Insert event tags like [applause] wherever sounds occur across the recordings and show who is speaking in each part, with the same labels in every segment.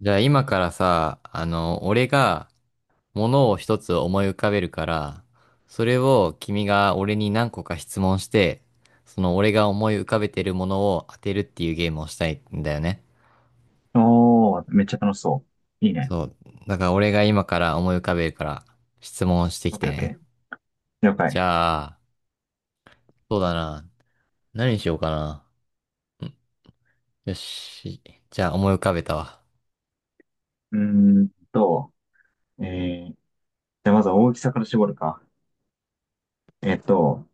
Speaker 1: じゃあ今からさ、俺が物を一つ思い浮かべるから、それを君が俺に何個か質問して、その俺が思い浮かべてるものを当てるっていうゲームをしたいんだよね。
Speaker 2: おー、めっちゃ楽しそう。いいね。
Speaker 1: そう。だから俺が今から思い浮かべるから質問して
Speaker 2: オ
Speaker 1: き
Speaker 2: ッ
Speaker 1: て
Speaker 2: ケーオッケ
Speaker 1: ね。
Speaker 2: ー。了
Speaker 1: じ
Speaker 2: 解。
Speaker 1: ゃあ、そうだな。何にしようかな。うんよし。じゃあ思い浮かべたわ。
Speaker 2: うーんと、えじゃあまずは大きさから絞るか。えっと、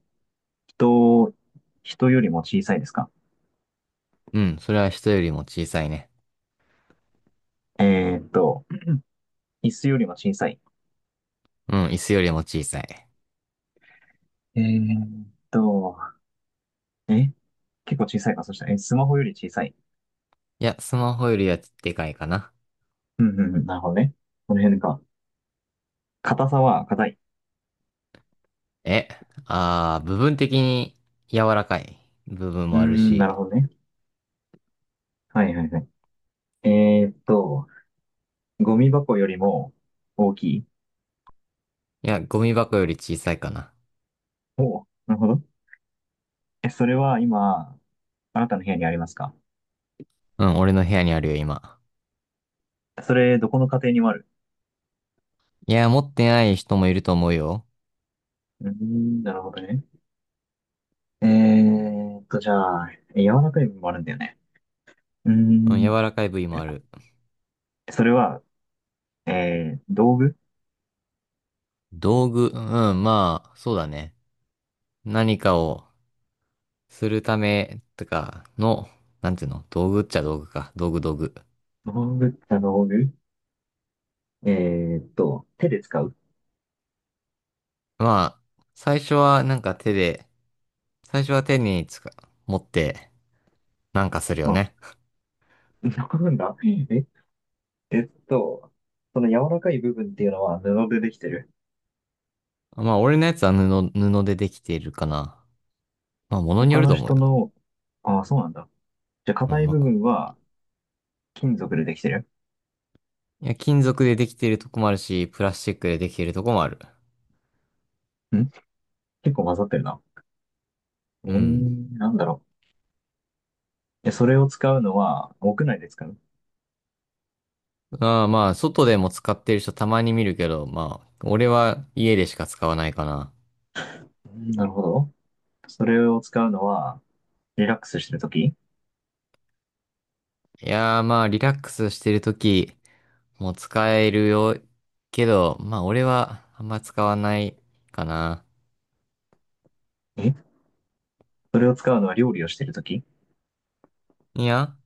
Speaker 2: 人、人よりも小さいですか？
Speaker 1: うん、それは人よりも小さいね。
Speaker 2: えっと、椅子よりも小さい？
Speaker 1: うん、椅子よりも小さい。
Speaker 2: えっと、え結構小さいか。そしたら、スマホより小さい？
Speaker 1: いや、スマホよりはでかいかな。
Speaker 2: うんうんうん、なるほどね。この辺か。硬さは硬い？
Speaker 1: え、あー、部分的に柔らかい部分
Speaker 2: うー
Speaker 1: もある
Speaker 2: ん、な
Speaker 1: し。
Speaker 2: るほどね。はいはいはい。えーっと、ゴミ箱よりも大きい？
Speaker 1: いや、ゴミ箱より小さいかな。
Speaker 2: おおなるほど。それは今、あなたの部屋にありますか？
Speaker 1: うん、俺の部屋にあるよ、今。
Speaker 2: それ、どこの家庭にもある？
Speaker 1: いや、持ってない人もいると思うよ。
Speaker 2: うーん、なるほどね。じゃあ、柔らかい部分もあるんだよね。うー
Speaker 1: うん、
Speaker 2: ん。
Speaker 1: 柔らかい部位もある。
Speaker 2: それは、道具？
Speaker 1: 道具、うん、まあ、そうだね。何かをするためとかの、なんていうの道具っちゃ道具か。道具道具。
Speaker 2: 道具って道具。手で使う？
Speaker 1: まあ、最初はなんか手で、最初は手につか、持ってなんかするよ
Speaker 2: あ、
Speaker 1: ね。
Speaker 2: なんだえ、えっと、その柔らかい部分っていうのは布でできてる？
Speaker 1: まあ、俺のやつは布でできているかな。まあ、ものによ
Speaker 2: 他
Speaker 1: る
Speaker 2: の
Speaker 1: と思う
Speaker 2: 人
Speaker 1: よ。
Speaker 2: の、ああ、そうなんだ。じゃあ、
Speaker 1: う
Speaker 2: 硬
Speaker 1: ん、
Speaker 2: い
Speaker 1: まあ、
Speaker 2: 部
Speaker 1: こ
Speaker 2: 分は金属でできてる？
Speaker 1: いや、金属でできてるとこもあるし、プラスチックでできてるとこもある。
Speaker 2: ん。結構混ざってるな。
Speaker 1: うん。
Speaker 2: なんだろう。で、それを使うのは、屋内で使う？
Speaker 1: ああ、まあ、外でも使ってる人たまに見るけど、まあ、俺は家でしか使わないかな。
Speaker 2: うん、なるほど。それを使うのは、リラックスしてるとき？
Speaker 1: いやー、まあ、リラックスしてるときも使えるよ。けど、まあ、俺はあんま使わないかな。
Speaker 2: えそれを使うのは料理をしてるとき？い
Speaker 1: いや、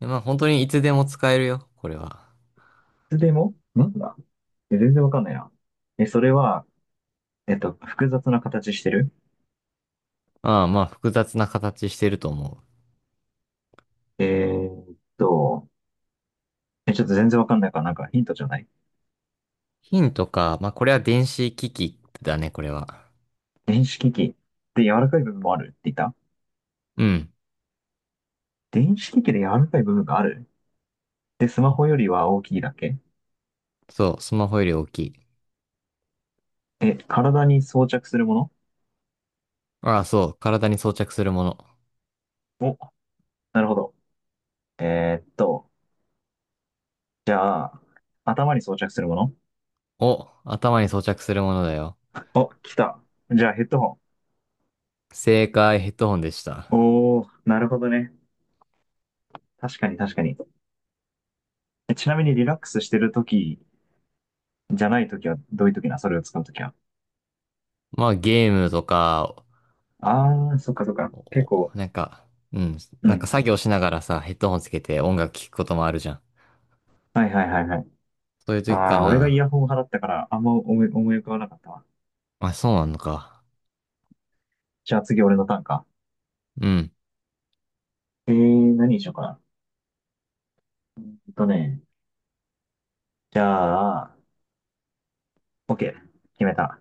Speaker 1: まあ、本当にいつでも使えるよ、これは。
Speaker 2: つでもなんだ。全然わかんないな。それは、複雑な形してる？
Speaker 1: ああ、まあ、複雑な形してると思う。
Speaker 2: えーっと、ちょっと全然わかんないから、なんかヒントじゃない？
Speaker 1: 金とか、まあ、これは電子機器だね、これは。
Speaker 2: 電子機器で柔らかい部分もあるって言った？
Speaker 1: うん。
Speaker 2: 電子機器で柔らかい部分がある。で、スマホよりは大きいだけ？
Speaker 1: そう、スマホより大きい。
Speaker 2: 体に装着するも
Speaker 1: ああ、そう、体に装着するもの。
Speaker 2: の？お、なるほど。えーっと、じゃあ、頭に装着するもの？
Speaker 1: お、頭に装着するものだよ。
Speaker 2: お、来た。じゃあヘッドホ
Speaker 1: 正解、ヘッドホンでした。
Speaker 2: ン。おー、なるほどね。確かに確かに。ちなみにリラックスしてるときじゃないときは、どういうときな？それを使うときは。
Speaker 1: まあ、ゲームとか、
Speaker 2: あー、そっかそっか。
Speaker 1: お、
Speaker 2: 結構。
Speaker 1: なんか、うん、
Speaker 2: う
Speaker 1: なんか
Speaker 2: ん。
Speaker 1: 作業しながらさ、ヘッドホンつけて音楽聴くこともあるじゃん。
Speaker 2: はいはいはいはい。
Speaker 1: そういう時か
Speaker 2: あー、俺がイヤ
Speaker 1: な。
Speaker 2: ホン派だったから、あんま思い浮かばなかったわ。
Speaker 1: あ、そうなのか。
Speaker 2: じゃあ次俺のターンか。
Speaker 1: うん。
Speaker 2: 何にしようかな。えっとね。じゃあ、OK。決めた。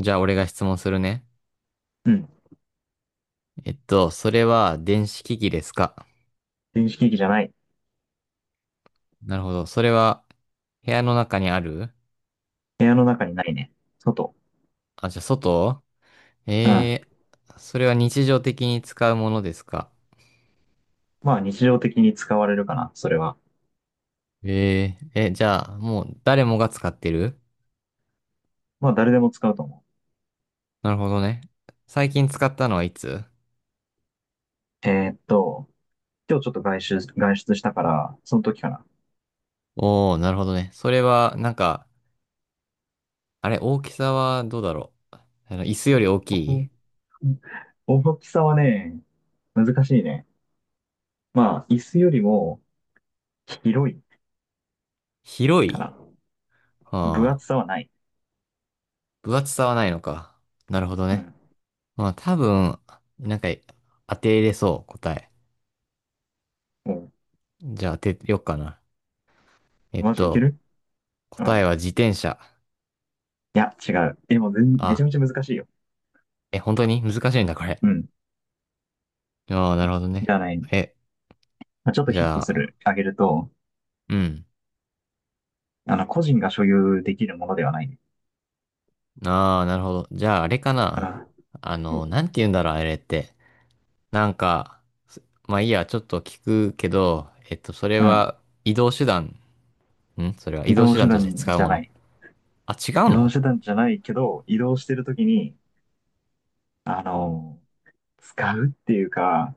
Speaker 1: じゃあ、俺が質問するね。
Speaker 2: うん。
Speaker 1: それは電子機器ですか？
Speaker 2: 電子機器じゃない。
Speaker 1: なるほど。それは、部屋の中にある？
Speaker 2: 部屋の中にないね。外。
Speaker 1: あ、じゃあ、外。
Speaker 2: うん。
Speaker 1: えそれは日常的に使うものですか？
Speaker 2: まあ日常的に使われるかな、それは。
Speaker 1: じゃあ、もう誰もが使ってる？
Speaker 2: まあ誰でも使うと思
Speaker 1: なるほどね。最近使ったのはいつ？
Speaker 2: う。今日ちょっと外出したから、その時かな。
Speaker 1: おー、なるほどね。それは、なんか、あれ、大きさはどうだろう。あの、椅子より大きい？
Speaker 2: 大きさはね、難しいね。まあ椅子よりも広い
Speaker 1: 広
Speaker 2: か
Speaker 1: い？
Speaker 2: な。分
Speaker 1: はあ、
Speaker 2: 厚さはない。
Speaker 1: 分厚さはないのか。なるほど
Speaker 2: う
Speaker 1: ね。
Speaker 2: ん。
Speaker 1: まあ、多分、なんか、当てれそう、答え。
Speaker 2: も
Speaker 1: じゃあ当てよっかな。え
Speaker 2: う、
Speaker 1: っ
Speaker 2: マジいけ
Speaker 1: と、
Speaker 2: る？う
Speaker 1: 答え
Speaker 2: ん。
Speaker 1: は自転車。
Speaker 2: いや、違う。でもめちゃ
Speaker 1: あ、
Speaker 2: めちゃ難しいよ。
Speaker 1: え、本当に難しいんだ、これ。
Speaker 2: うん。
Speaker 1: ああ、なるほど
Speaker 2: じゃあ
Speaker 1: ね。
Speaker 2: ね、
Speaker 1: え、
Speaker 2: まあ、ちょっと
Speaker 1: じ
Speaker 2: ヒッ
Speaker 1: ゃ
Speaker 2: トす
Speaker 1: あ、
Speaker 2: る、あげると、
Speaker 1: うん。
Speaker 2: 個人が所有できるものではない。
Speaker 1: ああ、なるほど。じゃあ、あれか
Speaker 2: う
Speaker 1: な。
Speaker 2: ん。
Speaker 1: あの、なんて言うんだろう、あれって。なんか、すまあいいや、ちょっと聞くけど、えっと、それ
Speaker 2: うん。
Speaker 1: は移動手段。それは
Speaker 2: 移
Speaker 1: 移動
Speaker 2: 動
Speaker 1: 手
Speaker 2: 手
Speaker 1: 段として
Speaker 2: 段
Speaker 1: 使う
Speaker 2: じゃ
Speaker 1: も
Speaker 2: な
Speaker 1: の？
Speaker 2: い。
Speaker 1: あ、違う
Speaker 2: 移動
Speaker 1: の？
Speaker 2: 手段じゃないけど、移動してるときに、あの、使うっていうか、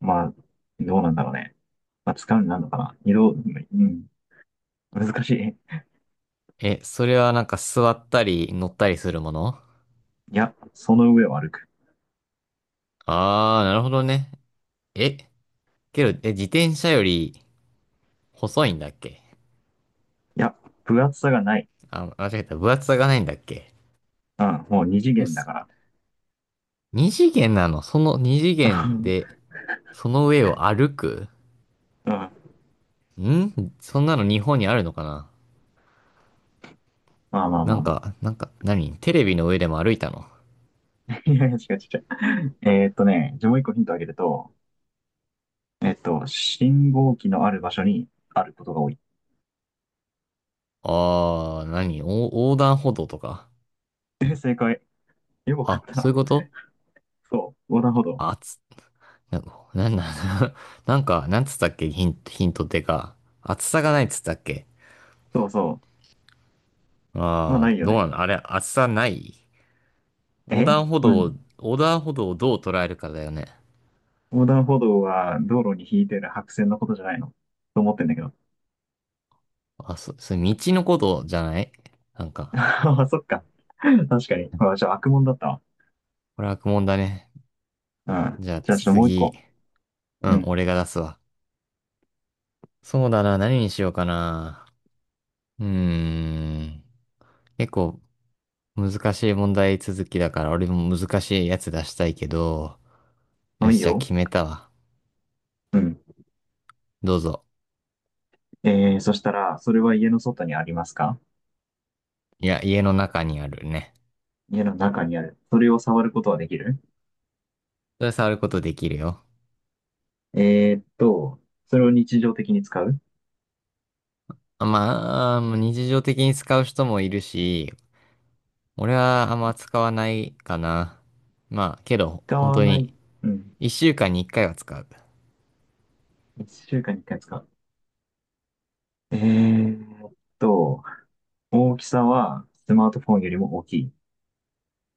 Speaker 2: まあ、どうなんだろうね。まあ、使うになるのかな。移動、うん、難しい。
Speaker 1: え、それはなんか座ったり乗ったりするもの？
Speaker 2: いや、その上を歩く。
Speaker 1: ああー、なるほどね。え、けど、自転車より細いんだっけ？
Speaker 2: いや、分厚さがない。
Speaker 1: あ、間違えた。分厚さがないんだっけ？
Speaker 2: うん、もう二次
Speaker 1: うっ
Speaker 2: 元だ
Speaker 1: す。
Speaker 2: か
Speaker 1: 二次元なの？その二次
Speaker 2: ら。[laughs] う
Speaker 1: 元
Speaker 2: ん、
Speaker 1: で、その上を歩く？
Speaker 2: ま
Speaker 1: そんなの日本にあるのかな？
Speaker 2: あまあ
Speaker 1: な
Speaker 2: ま
Speaker 1: ん
Speaker 2: あま
Speaker 1: か、なんか、何テレビの上でも歩いたの？
Speaker 2: あ。[laughs] いやいや、違う違う違う。じゃあもう一個ヒントあげると、信号機のある場所にあることが多い。
Speaker 1: あー、横断歩道とか？
Speaker 2: 正解。よくわかっ
Speaker 1: あ、
Speaker 2: た
Speaker 1: そういう
Speaker 2: な。
Speaker 1: こと？
Speaker 2: そう、横断歩道。
Speaker 1: あつ、な、なんだ。[laughs] なんか、なんつったっけ？ヒント、ヒントってか。厚さがないっつったっけ？
Speaker 2: そうそう。まあ
Speaker 1: あ
Speaker 2: な
Speaker 1: ー、
Speaker 2: いよ
Speaker 1: どうな
Speaker 2: ね。
Speaker 1: のあれ、厚さない？横
Speaker 2: う
Speaker 1: 断
Speaker 2: ん。
Speaker 1: 歩
Speaker 2: まあ
Speaker 1: 道を、横断歩道をどう捉えるかだよね。
Speaker 2: 横断歩道は道路に引いてる白線のことじゃないの？と思ってんだけど。[laughs]
Speaker 1: それ道のことじゃない？なんか、
Speaker 2: ああ、そっか。確かに。あ、じゃあ悪者だった
Speaker 1: これ悪問だね。
Speaker 2: わ。うん。
Speaker 1: じゃあ
Speaker 2: じゃあちょっともう一
Speaker 1: 次。
Speaker 2: 個。
Speaker 1: う
Speaker 2: う
Speaker 1: ん、
Speaker 2: ん。
Speaker 1: 俺が出すわ。そうだな、何にしようかな。うーん。結構難しい問題続きだから、俺も難しいやつ出したいけど、よ
Speaker 2: あ、いい
Speaker 1: し、じゃあ
Speaker 2: よ。
Speaker 1: 決めたわ。
Speaker 2: うん。
Speaker 1: どうぞ。
Speaker 2: そしたら、それは家の外にありますか？
Speaker 1: いや、家の中にあるね。
Speaker 2: 家の中にある？それを触ることはできる？
Speaker 1: それ触ることできるよ。
Speaker 2: えーっと、それを日常的に使う？
Speaker 1: あ、まあ、日常的に使う人もいるし、俺はあんま使わないかな。まあ、けど、
Speaker 2: 使
Speaker 1: 本
Speaker 2: わ
Speaker 1: 当
Speaker 2: ない？
Speaker 1: に、
Speaker 2: うん。
Speaker 1: 一週間に一回は使う。
Speaker 2: 一週間に一回使う？えーっと、大きさはスマートフォンよりも大きい？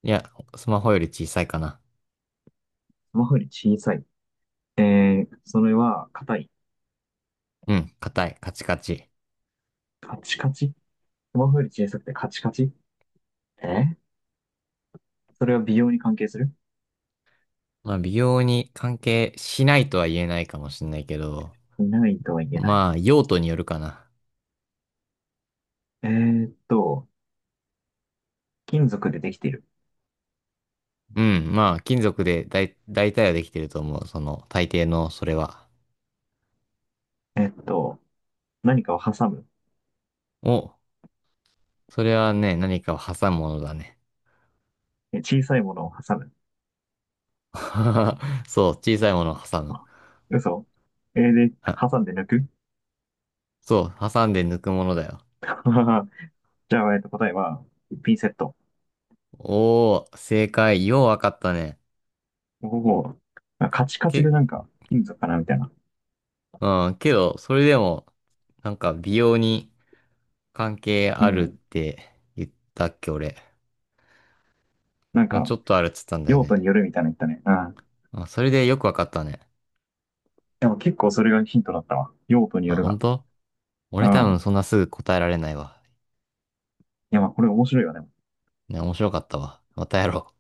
Speaker 1: いや、スマホより小さいかな。
Speaker 2: スマホより小さい？それは硬い？
Speaker 1: うん、硬い、カチカチ。
Speaker 2: カチカチ？スマホより小さくてカチカチ。えそれは美容に関係する？
Speaker 1: まあ、美容に関係しないとは言えないかもしれないけど、
Speaker 2: ないとは言えない？
Speaker 1: まあ、用途によるかな。
Speaker 2: えーっと、金属でできている？
Speaker 1: うん、まあ、金属で大体はできてると思う。その、大抵の、それは。
Speaker 2: えーっと、何かを挟む？
Speaker 1: お、それはね、何かを挟むものだね。
Speaker 2: 小さいものを挟む？
Speaker 1: [laughs] そう、小さいものを挟む。
Speaker 2: 嘘。で、
Speaker 1: あ、
Speaker 2: 挟んで抜く？ [laughs]
Speaker 1: そう、挟んで抜くものだよ。
Speaker 2: じゃあ、答えは、ピンセット。
Speaker 1: おー、正解。ようわかったね。
Speaker 2: おお、カチカ
Speaker 1: け、
Speaker 2: チでなんか、金属かなみたいな。
Speaker 1: うん、けど、それでも、なんか、美容に関係
Speaker 2: う
Speaker 1: あるっ
Speaker 2: ん。
Speaker 1: て言ったっけ、俺。
Speaker 2: なん
Speaker 1: まあ、ち
Speaker 2: か、
Speaker 1: ょっとあるっつったんだよ
Speaker 2: 用
Speaker 1: ね。
Speaker 2: 途によるみたいなの言ったね。うん。
Speaker 1: あ、それでよくわかったね。
Speaker 2: でも結構それがヒントだったわ。用途に
Speaker 1: あ、
Speaker 2: よる
Speaker 1: 本
Speaker 2: が。
Speaker 1: 当？
Speaker 2: う
Speaker 1: 俺多分
Speaker 2: ん。
Speaker 1: そんなすぐ答えられないわ。
Speaker 2: いや、まあ、これ面白いよね。
Speaker 1: ね、面白かったわ。またやろう。